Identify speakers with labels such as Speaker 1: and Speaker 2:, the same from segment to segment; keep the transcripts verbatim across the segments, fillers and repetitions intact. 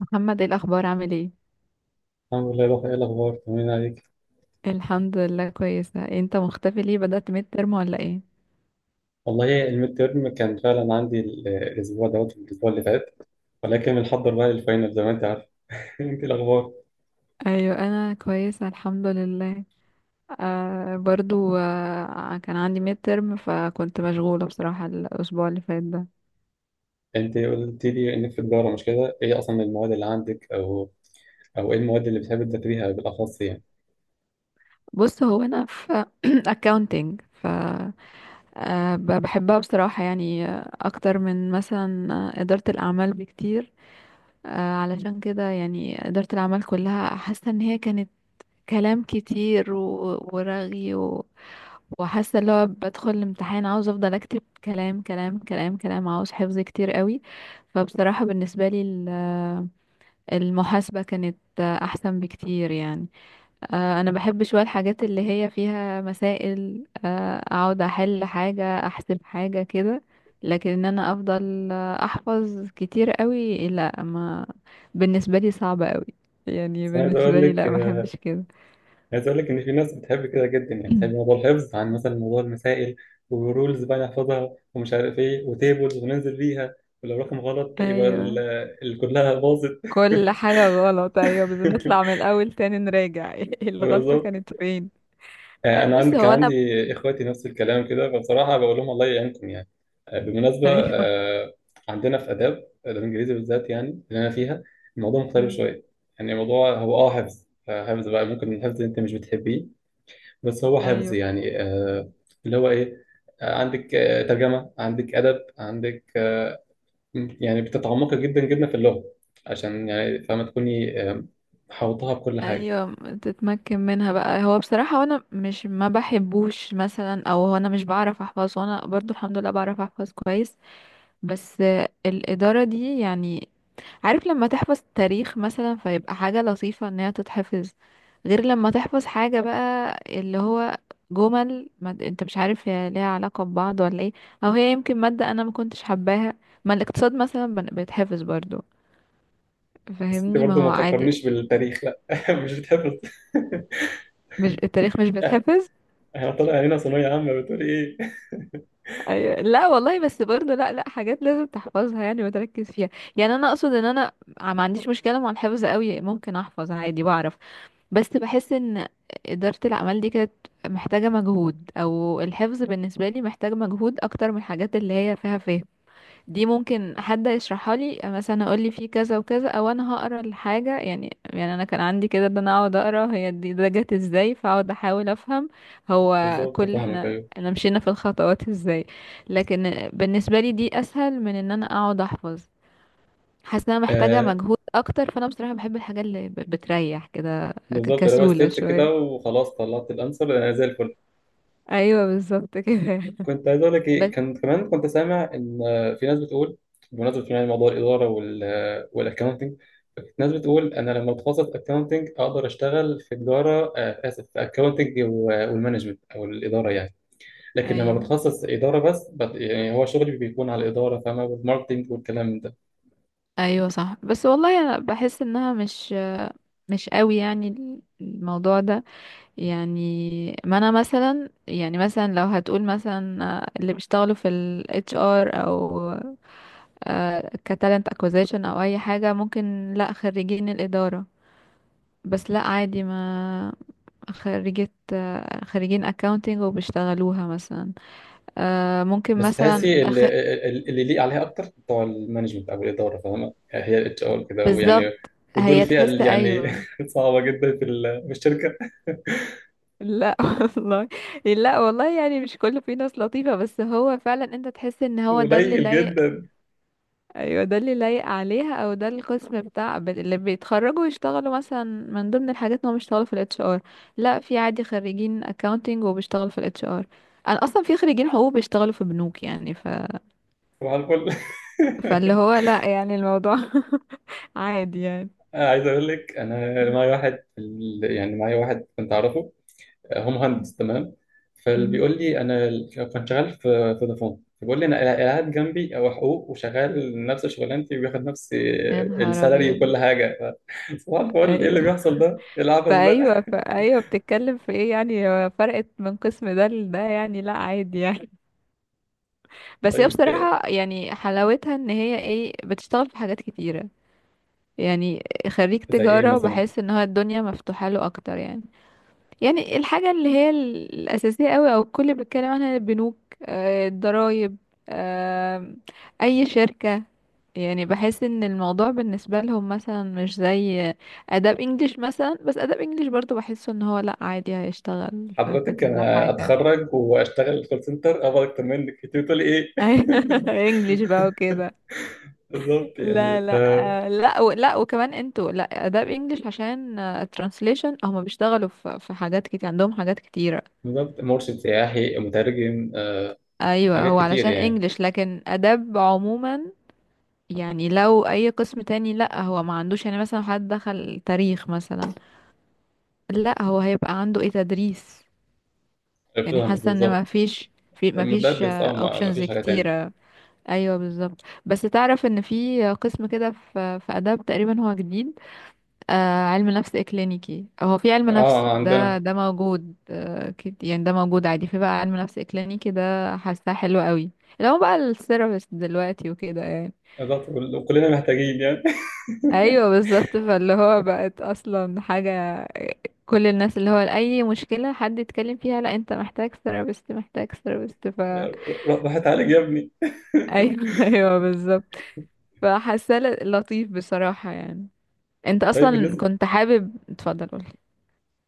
Speaker 1: محمد، ايه الاخبار؟ عامل ايه؟
Speaker 2: الحمد لله. روح، ايه الاخبار؟ طمنين عليك.
Speaker 1: الحمد لله كويسه. انت مختفي ليه؟ بدأت ميد ترم ولا ايه؟
Speaker 2: والله الميد تيرم كان فعلا عندي ال- الاسبوع دوت الاسبوع اللي فات، ولكن بنحضر بقى للفاينل زي ما انت عارف. انت إيه الاخبار؟
Speaker 1: ايوه انا كويسه الحمد لله. آه برضو آه كان عندي ميد ترم فكنت مشغوله بصراحه الاسبوع اللي فات ده.
Speaker 2: انت قلت لي انك في تجاره، مش كده؟ ايه اصلا المواد اللي عندك، او او ايه المواد اللي بتحب تذاكريها بالاخص يعني؟
Speaker 1: بص، هو انا في accounting. ف آه ب- بحبها بصراحه، يعني آه، اكتر من مثلا آه، اداره الاعمال بكتير. آه علشان كده يعني اداره الاعمال كلها حاسه ان هي كانت كلام كتير و- ورغي، وحاسه اللي هو بدخل الامتحان عاوز افضل اكتب كلام كلام كلام كلام، عاوز حفظ كتير قوي. فبصراحه بالنسبه لي ال- المحاسبه كانت احسن بكتير يعني. آه، انا بحب شويه الحاجات اللي هي فيها مسائل، آه، اقعد احل حاجه، احسب حاجه كده. لكن ان انا افضل آه، احفظ كتير قوي، لا، ما بالنسبه لي صعبه قوي. يعني
Speaker 2: بس أنا عايز اقول
Speaker 1: بالنسبه لي
Speaker 2: لك،
Speaker 1: لا، ما
Speaker 2: آه،
Speaker 1: احبش كده.
Speaker 2: عايز اقول لك ان في ناس بتحب كده جدا، يعني بتحب موضوع الحفظ عن مثلا موضوع المسائل. ورولز بقى نحفظها ومش عارف ايه وتيبلز وننزل بيها، ولو رقم غلط يبقى ال-
Speaker 1: ايوه،
Speaker 2: ال- كلها باظت.
Speaker 1: كل حاجة غلط، أيوة، بنطلع من الأول تاني نراجع الغلطة
Speaker 2: بالظبط.
Speaker 1: كانت فين.
Speaker 2: آه،
Speaker 1: أي-
Speaker 2: انا
Speaker 1: بص،
Speaker 2: عندي كان
Speaker 1: هو أنا
Speaker 2: عندي اخواتي نفس الكلام كده، فبصراحه بقول لهم الله يعينكم يعني. آه، بالمناسبه،
Speaker 1: أيوة.
Speaker 2: آه، عندنا في اداب، آه، الانجليزي بالذات يعني اللي انا فيها، الموضوع مختلف
Speaker 1: مم.
Speaker 2: شويه. يعني الموضوع هو اه حفظ، آه، حفظ بقى، ممكن الحفظ انت مش بتحبيه بس هو حفظ
Speaker 1: أيوة.
Speaker 2: يعني، آه، اللي هو ايه، آه، عندك آه، ترجمه، عندك ادب، عندك، آه، يعني بتتعمقي جدا جدا في اللغه، عشان يعني فاهمه تكوني آه، محوطاها بكل حاجه.
Speaker 1: أيوة تتمكن منها بقى. هو بصراحة أنا مش ما بحبوش مثلا، أو هو أنا مش بعرف أحفظ، وأنا برضو الحمد لله بعرف أحفظ كويس. بس الإدارة دي يعني، عارف لما تحفظ تاريخ مثلا فيبقى حاجة لطيفة ان هي تتحفظ، غير لما تحفظ حاجة بقى اللي هو جمل، ما انت مش عارف هي ليها علاقة ببعض ولا ايه، او هي يمكن مادة انا ما كنتش حباها. ما الاقتصاد مثلا بن- بيتحفظ برضو،
Speaker 2: بس انت
Speaker 1: فاهمني؟ ما
Speaker 2: برضه
Speaker 1: هو
Speaker 2: ما
Speaker 1: عادي.
Speaker 2: تفكرنيش بالتاريخ، لا، مش بتحفظ.
Speaker 1: مش التاريخ مش
Speaker 2: إح-
Speaker 1: بيتحفظ؟
Speaker 2: احنا طالع هنا ثانوية عامة بتقول ايه؟
Speaker 1: أيوة. لا والله، بس برضو لا، لا حاجات لازم تحفظها يعني وتركز فيها. يعني انا اقصد ان انا ما عنديش مشكلة مع الحفظ قوي، ممكن احفظ عادي بعرف. بس بحس ان إدارة الأعمال دي كانت محتاجة مجهود، أو الحفظ بالنسبة لي محتاج مجهود أكتر من الحاجات اللي هي فيها فهم. دي ممكن حد يشرحها لي مثلا، أقول لي في كذا وكذا، أو أنا هقرا الحاجة يعني. يعني أنا كان عندي كده إن أنا أقعد أقرا هي دي ده جت إزاي، فأقعد أحاول أفهم هو
Speaker 2: بالظبط،
Speaker 1: كل،
Speaker 2: فاهمك.
Speaker 1: إحنا
Speaker 2: ايوه،
Speaker 1: احنا مشينا في الخطوات إزاي. لكن بالنسبة لي دي أسهل من إن أنا أقعد أحفظ. حاسه انها محتاجه
Speaker 2: آه
Speaker 1: مجهود اكتر، فانا بصراحه بحب الحاجات اللي ب- بتريح كده، ك-
Speaker 2: بالظبط اللي هو
Speaker 1: كسوله
Speaker 2: ستيبس
Speaker 1: شويه.
Speaker 2: كده وخلاص طلعت الانسر انا زي الفل.
Speaker 1: ايوه بالظبط كده
Speaker 2: كنت عايز اقول لك ايه،
Speaker 1: بس
Speaker 2: كان كمان كنت سامع ان آه، في ناس بتقول، بمناسبة يعني موضوع الإدارة وال آه، والأكونتنج. ناس بتقول أنا لما أتخصص أكونتنج أقدر أشتغل في تجارة، آه، آسف، في أكونتنج والمانجمنت أو الإدارة يعني. لكن لما
Speaker 1: ايوه.
Speaker 2: بتخصص إدارة بس، بت- يعني هو شغلي بيكون على الإدارة، فاهمة، والماركتنج والكلام ده.
Speaker 1: ايوه صح، بس والله انا بحس انها مش مش قوي يعني ال- الموضوع ده يعني. ما انا مثلا يعني مثلا لو هتقول مثلا آه، اللي بيشتغلوا في ال H R، او آه، كتالنت اكوزيشن، او اي حاجه ممكن، لا خريجين الاداره، بس لا عادي ما، خريجة، آه، خريجين accounting وبيشتغلوها مثلا، آه، ممكن
Speaker 2: بس
Speaker 1: مثلا
Speaker 2: تحسي اللي
Speaker 1: أخ...
Speaker 2: اللي ليه عليها اكتر بتوع المانجمنت او الاداره، فاهمه يعني، هي الاتش ار كده ويعني،
Speaker 1: بالظبط.
Speaker 2: ودول
Speaker 1: هي
Speaker 2: فئه
Speaker 1: تحس،
Speaker 2: اللي يعني
Speaker 1: ايوه.
Speaker 2: صعبه جدا في ال- في الشركه.
Speaker 1: لا والله، لا والله يعني مش كله، فيه ناس لطيفة، بس هو فعلا انت تحس ان هو ده اللي
Speaker 2: قليل
Speaker 1: لايق.
Speaker 2: جدا.
Speaker 1: ايوه ده اللي لايق عليها، او ده القسم بتاع ب- اللي بيتخرجوا يشتغلوا، مثلا من ضمن الحاجات ان هم بيشتغلوا في الاتش ار. لا، في عادي خريجين accounting وبيشتغلوا في الاتش ار. انا اصلا في خريجين حقوق بيشتغلوا في بنوك يعني، ف...
Speaker 2: صباح الفل.
Speaker 1: فاللي هو لا يعني الموضوع عادي يعني.
Speaker 2: عايز اقول لك، انا معايا واحد في ال- يعني معايا واحد كنت اعرفه، هو مهندس تمام.
Speaker 1: مم.
Speaker 2: فبيقول لي انا كنت شغال في في فودافون، فبيقول لي انا قاعد جنبي، او حقوق، وشغال نفس شغلانتي وبياخد نفس
Speaker 1: يا نهار
Speaker 2: السالري
Speaker 1: ابيض.
Speaker 2: وكل حاجه. ف- صباح الفل، ايه اللي
Speaker 1: ايوه.
Speaker 2: بيحصل ده؟ ايه العبث ده؟
Speaker 1: فايوه فايوه بتتكلم في ايه يعني؟ هو فرقت من قسم ده لده يعني، لا عادي يعني. بس هي
Speaker 2: طيب،
Speaker 1: بصراحه يعني حلاوتها ان هي ايه، بتشتغل في حاجات كتيره يعني. خريج
Speaker 2: زي ايه
Speaker 1: تجاره
Speaker 2: مثلا؟
Speaker 1: بحس ان هو الدنيا مفتوحه له اكتر يعني. يعني الحاجة اللي هي ال- الأساسية قوي أو الكل بيتكلم عنها، البنوك، آه، الضرايب، آه، أي شركة. يعني بحس ان الموضوع بالنسبة لهم مثلا مش زي آداب انجليش مثلا. بس آداب انجليش برضو بحسه ان هو لأ، عادي هيشتغل في, في
Speaker 2: حضرتك
Speaker 1: كذا
Speaker 2: انا
Speaker 1: حاجة.
Speaker 2: اتخرج واشتغل كول سنتر ابقى اكتر منك، انت بتقولي ايه؟
Speaker 1: انجليش بقى وكده.
Speaker 2: بالظبط يعني،
Speaker 1: لا لا
Speaker 2: ف-
Speaker 1: آه، لا و- لا وكمان انتوا، لا آداب انجليش عشان ترانسليشن، هما بيشتغلوا في, في حاجات كتير، عندهم حاجات كتيرة.
Speaker 2: بالظبط مرشد سياحي مترجم، آه،
Speaker 1: ايوه،
Speaker 2: حاجات
Speaker 1: هو
Speaker 2: كتير
Speaker 1: علشان
Speaker 2: يعني.
Speaker 1: انجليش، لكن اداب عموما يعني، لو اي قسم تاني لا هو ما عندوش يعني، مثلا حد دخل تاريخ مثلا، لا هو هيبقى عنده ايه، تدريس. يعني
Speaker 2: فاهمك
Speaker 1: حاسه ان ما
Speaker 2: بالظبط،
Speaker 1: فيش، في ما فيش
Speaker 2: مدرس، اه ما ما
Speaker 1: اوبشنز
Speaker 2: فيش حاجه تانية.
Speaker 1: كتيره. ايوه بالظبط. بس تعرف ان في قسم كده في في اداب تقريبا هو جديد، آه، علم نفس اكلينيكي. هو في علم نفس،
Speaker 2: اه
Speaker 1: ده
Speaker 2: عندنا.
Speaker 1: ده موجود آه كت- يعني ده موجود عادي، في بقى علم نفس اكلينيكي، ده حاساه حلو قوي، اللي هو بقى الثيرابيست دلوقتي وكده يعني.
Speaker 2: بالظبط كل- كلنا محتاجين يعني.
Speaker 1: ايوه بالظبط، فاللي هو بقت اصلا حاجه، كل الناس اللي هو اي مشكله حد يتكلم فيها، لا انت محتاج ثيرابيست محتاج ثيرابيست. ف ايوه
Speaker 2: روح روح اتعالج يا ابني.
Speaker 1: ايوه بالظبط. فحاساه ل- لطيف بصراحه يعني. انت
Speaker 2: طيب،
Speaker 1: اصلا
Speaker 2: بالنسبه،
Speaker 1: كنت حابب، اتفضل قولي.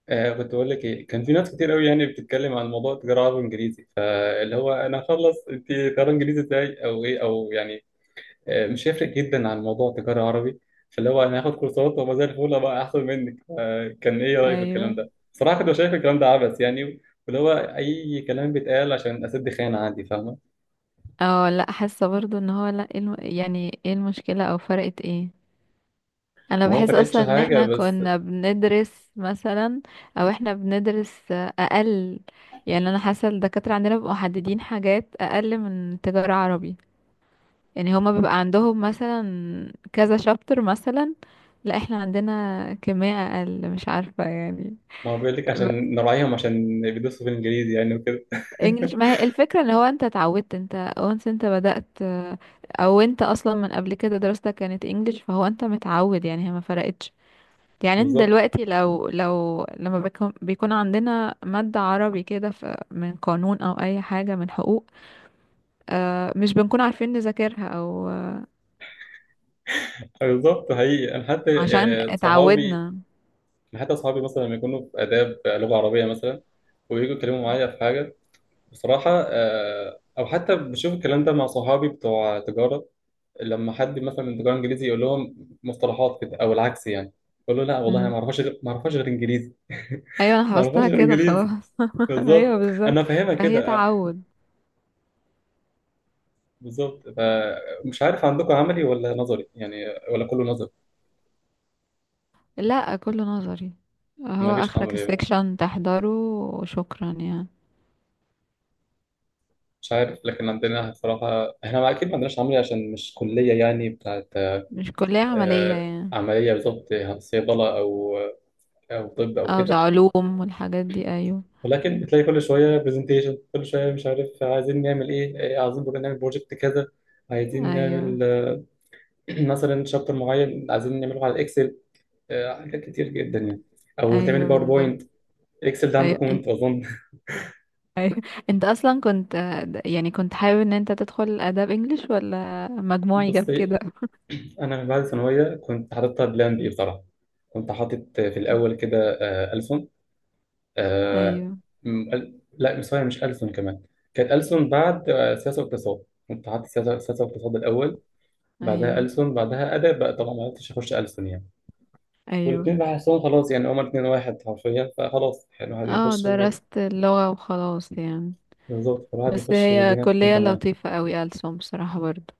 Speaker 2: آه كنت بقول لك ايه، كان في ناس كتير قوي يعني بتتكلم عن موضوع التجاره عربي وانجليزي، فاللي هو انا هخلص انت تجاره انجليزي ازاي او ايه او يعني، آه مش هيفرق جدا عن موضوع التجاره عربي. فاللي هو انا هاخد كورسات وما زي الفل بقى احسن منك. آه كان ايه رايك في الكلام
Speaker 1: ايوه.
Speaker 2: ده؟ صراحه كنت شايف الكلام ده عبث يعني، واللي هو اي كلام بيتقال عشان اسد خانه عندي، فاهمه؟
Speaker 1: اه لا، حاسه برضو ان هو لا، ايه الم... يعني ايه المشكله او فرقت ايه؟ انا
Speaker 2: ما هو ما
Speaker 1: بحس
Speaker 2: فرقتش
Speaker 1: اصلا ان
Speaker 2: حاجه
Speaker 1: احنا
Speaker 2: بس.
Speaker 1: كنا بندرس مثلا، او احنا بندرس اقل. يعني انا حاسه الدكاتره عندنا بيبقوا محددين حاجات اقل من تجاره عربي. يعني هما بيبقى عندهم مثلا كذا شابتر مثلا، لا احنا عندنا كمية اقل، مش عارفه يعني.
Speaker 2: ما هو بيقول لك عشان نراعيهم، عشان بيدرسوا في الانجليزي يعني وكده.
Speaker 1: انجلش، ما هي الفكرة ان هو انت اتعودت، انت once انت بدأت، آه، او انت اصلا من قبل كده دراستك كانت انجلش، فهو انت متعود يعني، هي ما فرقتش. يعني انت
Speaker 2: بالظبط.
Speaker 1: دلوقتي لو لو لما بيكون, بيكون عندنا مادة عربي كده ف- من قانون او اي حاجة من حقوق، آه، مش بنكون عارفين نذاكرها، او آه،
Speaker 2: بالظبط، حقيقي انا حتى
Speaker 1: عشان
Speaker 2: يعني صحابي،
Speaker 1: اتعودنا.
Speaker 2: أنا حتى صحابي مثلا لما يكونوا في اداب لغه عربيه مثلا ويجوا يتكلموا معايا في حاجه بصراحه، آه، او حتى بشوف الكلام ده مع صحابي بتوع تجاره لما حد مثلا من تجاره انجليزي يقول لهم مصطلحات كده او العكس يعني، يقول له لا والله أنا ما
Speaker 1: مم.
Speaker 2: اعرفهاش غير، ما اعرفهاش غير انجليزي.
Speaker 1: ايوه انا
Speaker 2: ما اعرفهاش
Speaker 1: حفظتها
Speaker 2: غير
Speaker 1: كده
Speaker 2: انجليزي.
Speaker 1: خلاص. ايوه
Speaker 2: بالظبط انا
Speaker 1: بالظبط.
Speaker 2: فاهمها
Speaker 1: فهي
Speaker 2: كده.
Speaker 1: تعود.
Speaker 2: بالظبط، فمش عارف عندكم عملي ولا نظري يعني، ولا كله نظري؟
Speaker 1: لا كله نظري.
Speaker 2: ما
Speaker 1: هو
Speaker 2: فيش
Speaker 1: اخرك
Speaker 2: عملي؟
Speaker 1: السكشن تحضره وشكرا يعني.
Speaker 2: مش عارف، لكن عندنا بصراحة احنا ما- اكيد ما عندناش عملي عشان مش كلية يعني بتاعت،
Speaker 1: مش كلية عملية
Speaker 2: آه،
Speaker 1: يعني،
Speaker 2: عملية، بالظبط، صيدلة او، او طب او
Speaker 1: اه بتاع
Speaker 2: كده.
Speaker 1: علوم والحاجات دي ايوه.
Speaker 2: ولكن بتلاقي كل شوية برزنتيشن، كل شوية مش عارف عايزين نعمل ايه، إيه، عايزين بقى نعمل بروجكت كذا، عايزين
Speaker 1: ايوه.
Speaker 2: نعمل آه، مثلا شابتر معين عايزين نعمله على اكسل، حاجات كتير جدا يعني، او تعمل
Speaker 1: ايوه بالظبط.
Speaker 2: باوربوينت. اكسل ده
Speaker 1: ايوه
Speaker 2: عندكم
Speaker 1: انت.
Speaker 2: انتوا اظن.
Speaker 1: أيوة. انت اصلا كنت يعني كنت حابب ان انت تدخل اداب انجليش، ولا مجموعي
Speaker 2: بس
Speaker 1: جاب كده؟
Speaker 2: انا من بعد الثانويه كنت حاططها بلان بي بصراحه. كنت حاطط في الاول كده، آه، ألسن، آه،
Speaker 1: ايوه.
Speaker 2: م- أل- لا مش سوري، مش ألسن كمان. كانت ألسن بعد، آه، سياسه واقتصاد. كنت حاطط سياسه سياسه واقتصاد الاول، بعدها
Speaker 1: ايوه.
Speaker 2: ألسن، بعدها ادب بقى. طبعا ما عرفتش اخش ألسن يعني،
Speaker 1: ايوه.
Speaker 2: والاثنين بحسهم خلاص يعني هما الاثنين واحد حرفيا، فخلاص يعني الواحد
Speaker 1: اه
Speaker 2: يخش و-
Speaker 1: درست اللغة وخلاص يعني.
Speaker 2: بالظبط الواحد
Speaker 1: بس
Speaker 2: يخش
Speaker 1: هي
Speaker 2: والدنيا تكون
Speaker 1: كلية
Speaker 2: تمام.
Speaker 1: لطيفة قوي ألسن بصراحة برضو.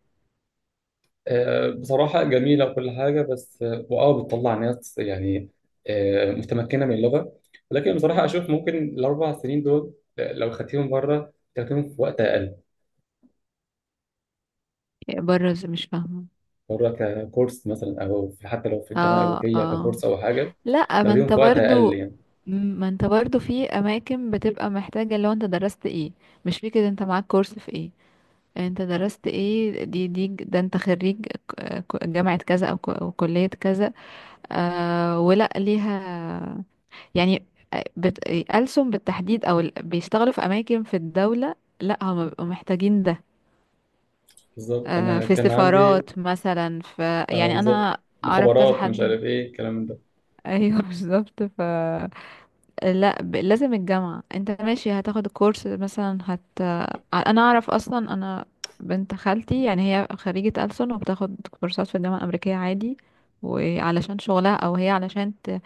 Speaker 2: آه، بصراحة جميلة وكل حاجة، بس آه، وآه بتطلع ناس يعني آه، متمكنة من اللغة، ولكن بصراحة أشوف ممكن الأربع سنين دول، آه، لو خدتيهم بره تاخديهم في وقت أقل.
Speaker 1: بره؟ مش فاهمة.
Speaker 2: بره ككورس مثلا، أو في- حتى لو في الجامعة
Speaker 1: اه
Speaker 2: الأمريكية
Speaker 1: اه.
Speaker 2: ككورس أو حاجة،
Speaker 1: لا ما
Speaker 2: تاخديهم
Speaker 1: انت
Speaker 2: في وقت أقل
Speaker 1: برضو،
Speaker 2: يعني.
Speaker 1: ما انت برضو في اماكن بتبقى محتاجة لو انت درست ايه. مش فكرة انت معاك كورس في ايه، انت درست ايه، دي دي ده انت خريج ك- ك- جامعة كذا، او ك- أو كلية كذا. آه، ولا ليها يعني، آه، بت... ألسن بالتحديد، او ال- بيشتغلوا في اماكن في الدولة، لا هم بيبقوا محتاجين ده.
Speaker 2: بالظبط
Speaker 1: آه،
Speaker 2: أنا
Speaker 1: في
Speaker 2: كان عندي،
Speaker 1: سفارات مثلا، في
Speaker 2: آه،
Speaker 1: يعني،
Speaker 2: بالظبط
Speaker 1: انا اعرف كذا
Speaker 2: مخابرات مش
Speaker 1: حد.
Speaker 2: عارف إيه الكلام ده.
Speaker 1: ايوه بالظبط ف، لا ب... لازم الجامعة، انت ماشي هتاخد الكورس مثلا هت، انا اعرف اصلا انا، بنت خالتي يعني هي خريجة ألسن وبتاخد كورسات في الجامعة الأمريكية عادي، وعلشان شغلها، او هي علشان ت...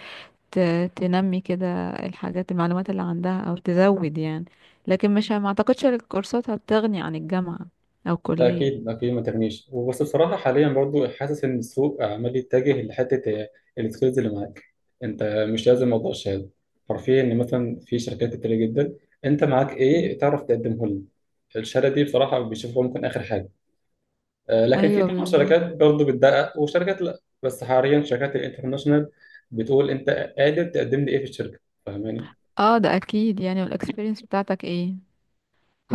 Speaker 1: ت... تنمي كده الحاجات، المعلومات اللي عندها، او تزود يعني. لكن مش، ما اعتقدش ان الكورسات هتغني عن الجامعة او
Speaker 2: لا
Speaker 1: الكلية.
Speaker 2: اكيد اكيد ما تغنيش، وبس بصراحه حاليا برضو حاسس ان السوق عمال يتجه لحته السكيلز اللي معاك انت. مش لازم موضوع الشهاده حرفيا، ان مثلا في شركات كتير جدا انت معاك ايه تعرف تقدمه لهم، الشهاده دي بصراحه بيشوفوها ممكن اخر حاجه. آه، لكن في
Speaker 1: ايوه
Speaker 2: طبعا
Speaker 1: بالظبط.
Speaker 2: شركات برضو بتدقق وشركات لا، بس حاليا شركات الانترناشونال بتقول انت قادر تقدم لي ايه في الشركه، فاهماني.
Speaker 1: اه ده اكيد يعني، والاكسبيرينس بتاعتك ايه.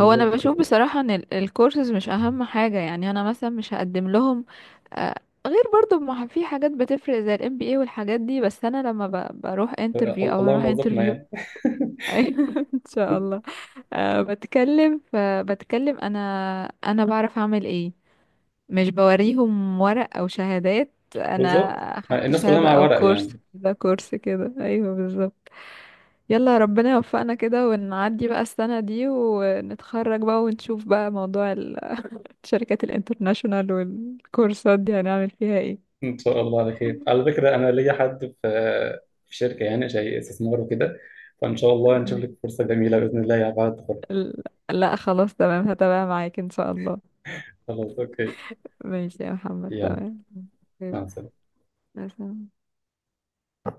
Speaker 1: هو انا
Speaker 2: كده.
Speaker 1: بشوف بصراحة ان ال- الكورسز مش اهم حاجة يعني، انا مثلا مش هقدم لهم آه، غير، برضو ما في حاجات بتفرق زي الام بي اي والحاجات دي، بس انا لما ب- بروح
Speaker 2: آه،
Speaker 1: انترفيو او
Speaker 2: اللهم
Speaker 1: هروح
Speaker 2: وفقنا
Speaker 1: انترفيو.
Speaker 2: يعني.
Speaker 1: ان شاء الله. أه بتكلم، فبتكلم انا، انا بعرف اعمل ايه. مش بوريهم ورق او شهادات، انا
Speaker 2: بالظبط
Speaker 1: اخدت
Speaker 2: الناس كلها
Speaker 1: شهادة،
Speaker 2: مع
Speaker 1: او
Speaker 2: ورق
Speaker 1: كورس
Speaker 2: يعني.
Speaker 1: كده كورس كده، ايوه بالظبط. يلا ربنا يوفقنا كده، ونعدي بقى السنة دي ونتخرج بقى، ونشوف بقى موضوع ال- الشركات الانترناشونال والكورسات دي هنعمل فيها ايه.
Speaker 2: ان شاء الله على خير. على فكره انا ليا حد في في شركه يعني شيء استثمار وكده، فان شاء الله نشوف لك
Speaker 1: م.
Speaker 2: فرصه جميله باذن الله يا بعد التخرج.
Speaker 1: ال- لا خلاص تمام، هتابع معاك ان شاء الله.
Speaker 2: خلاص، اوكي.
Speaker 1: ماشي يا محمد
Speaker 2: يلا،
Speaker 1: تمام.
Speaker 2: مع
Speaker 1: طيب،
Speaker 2: السلامه.
Speaker 1: مثلا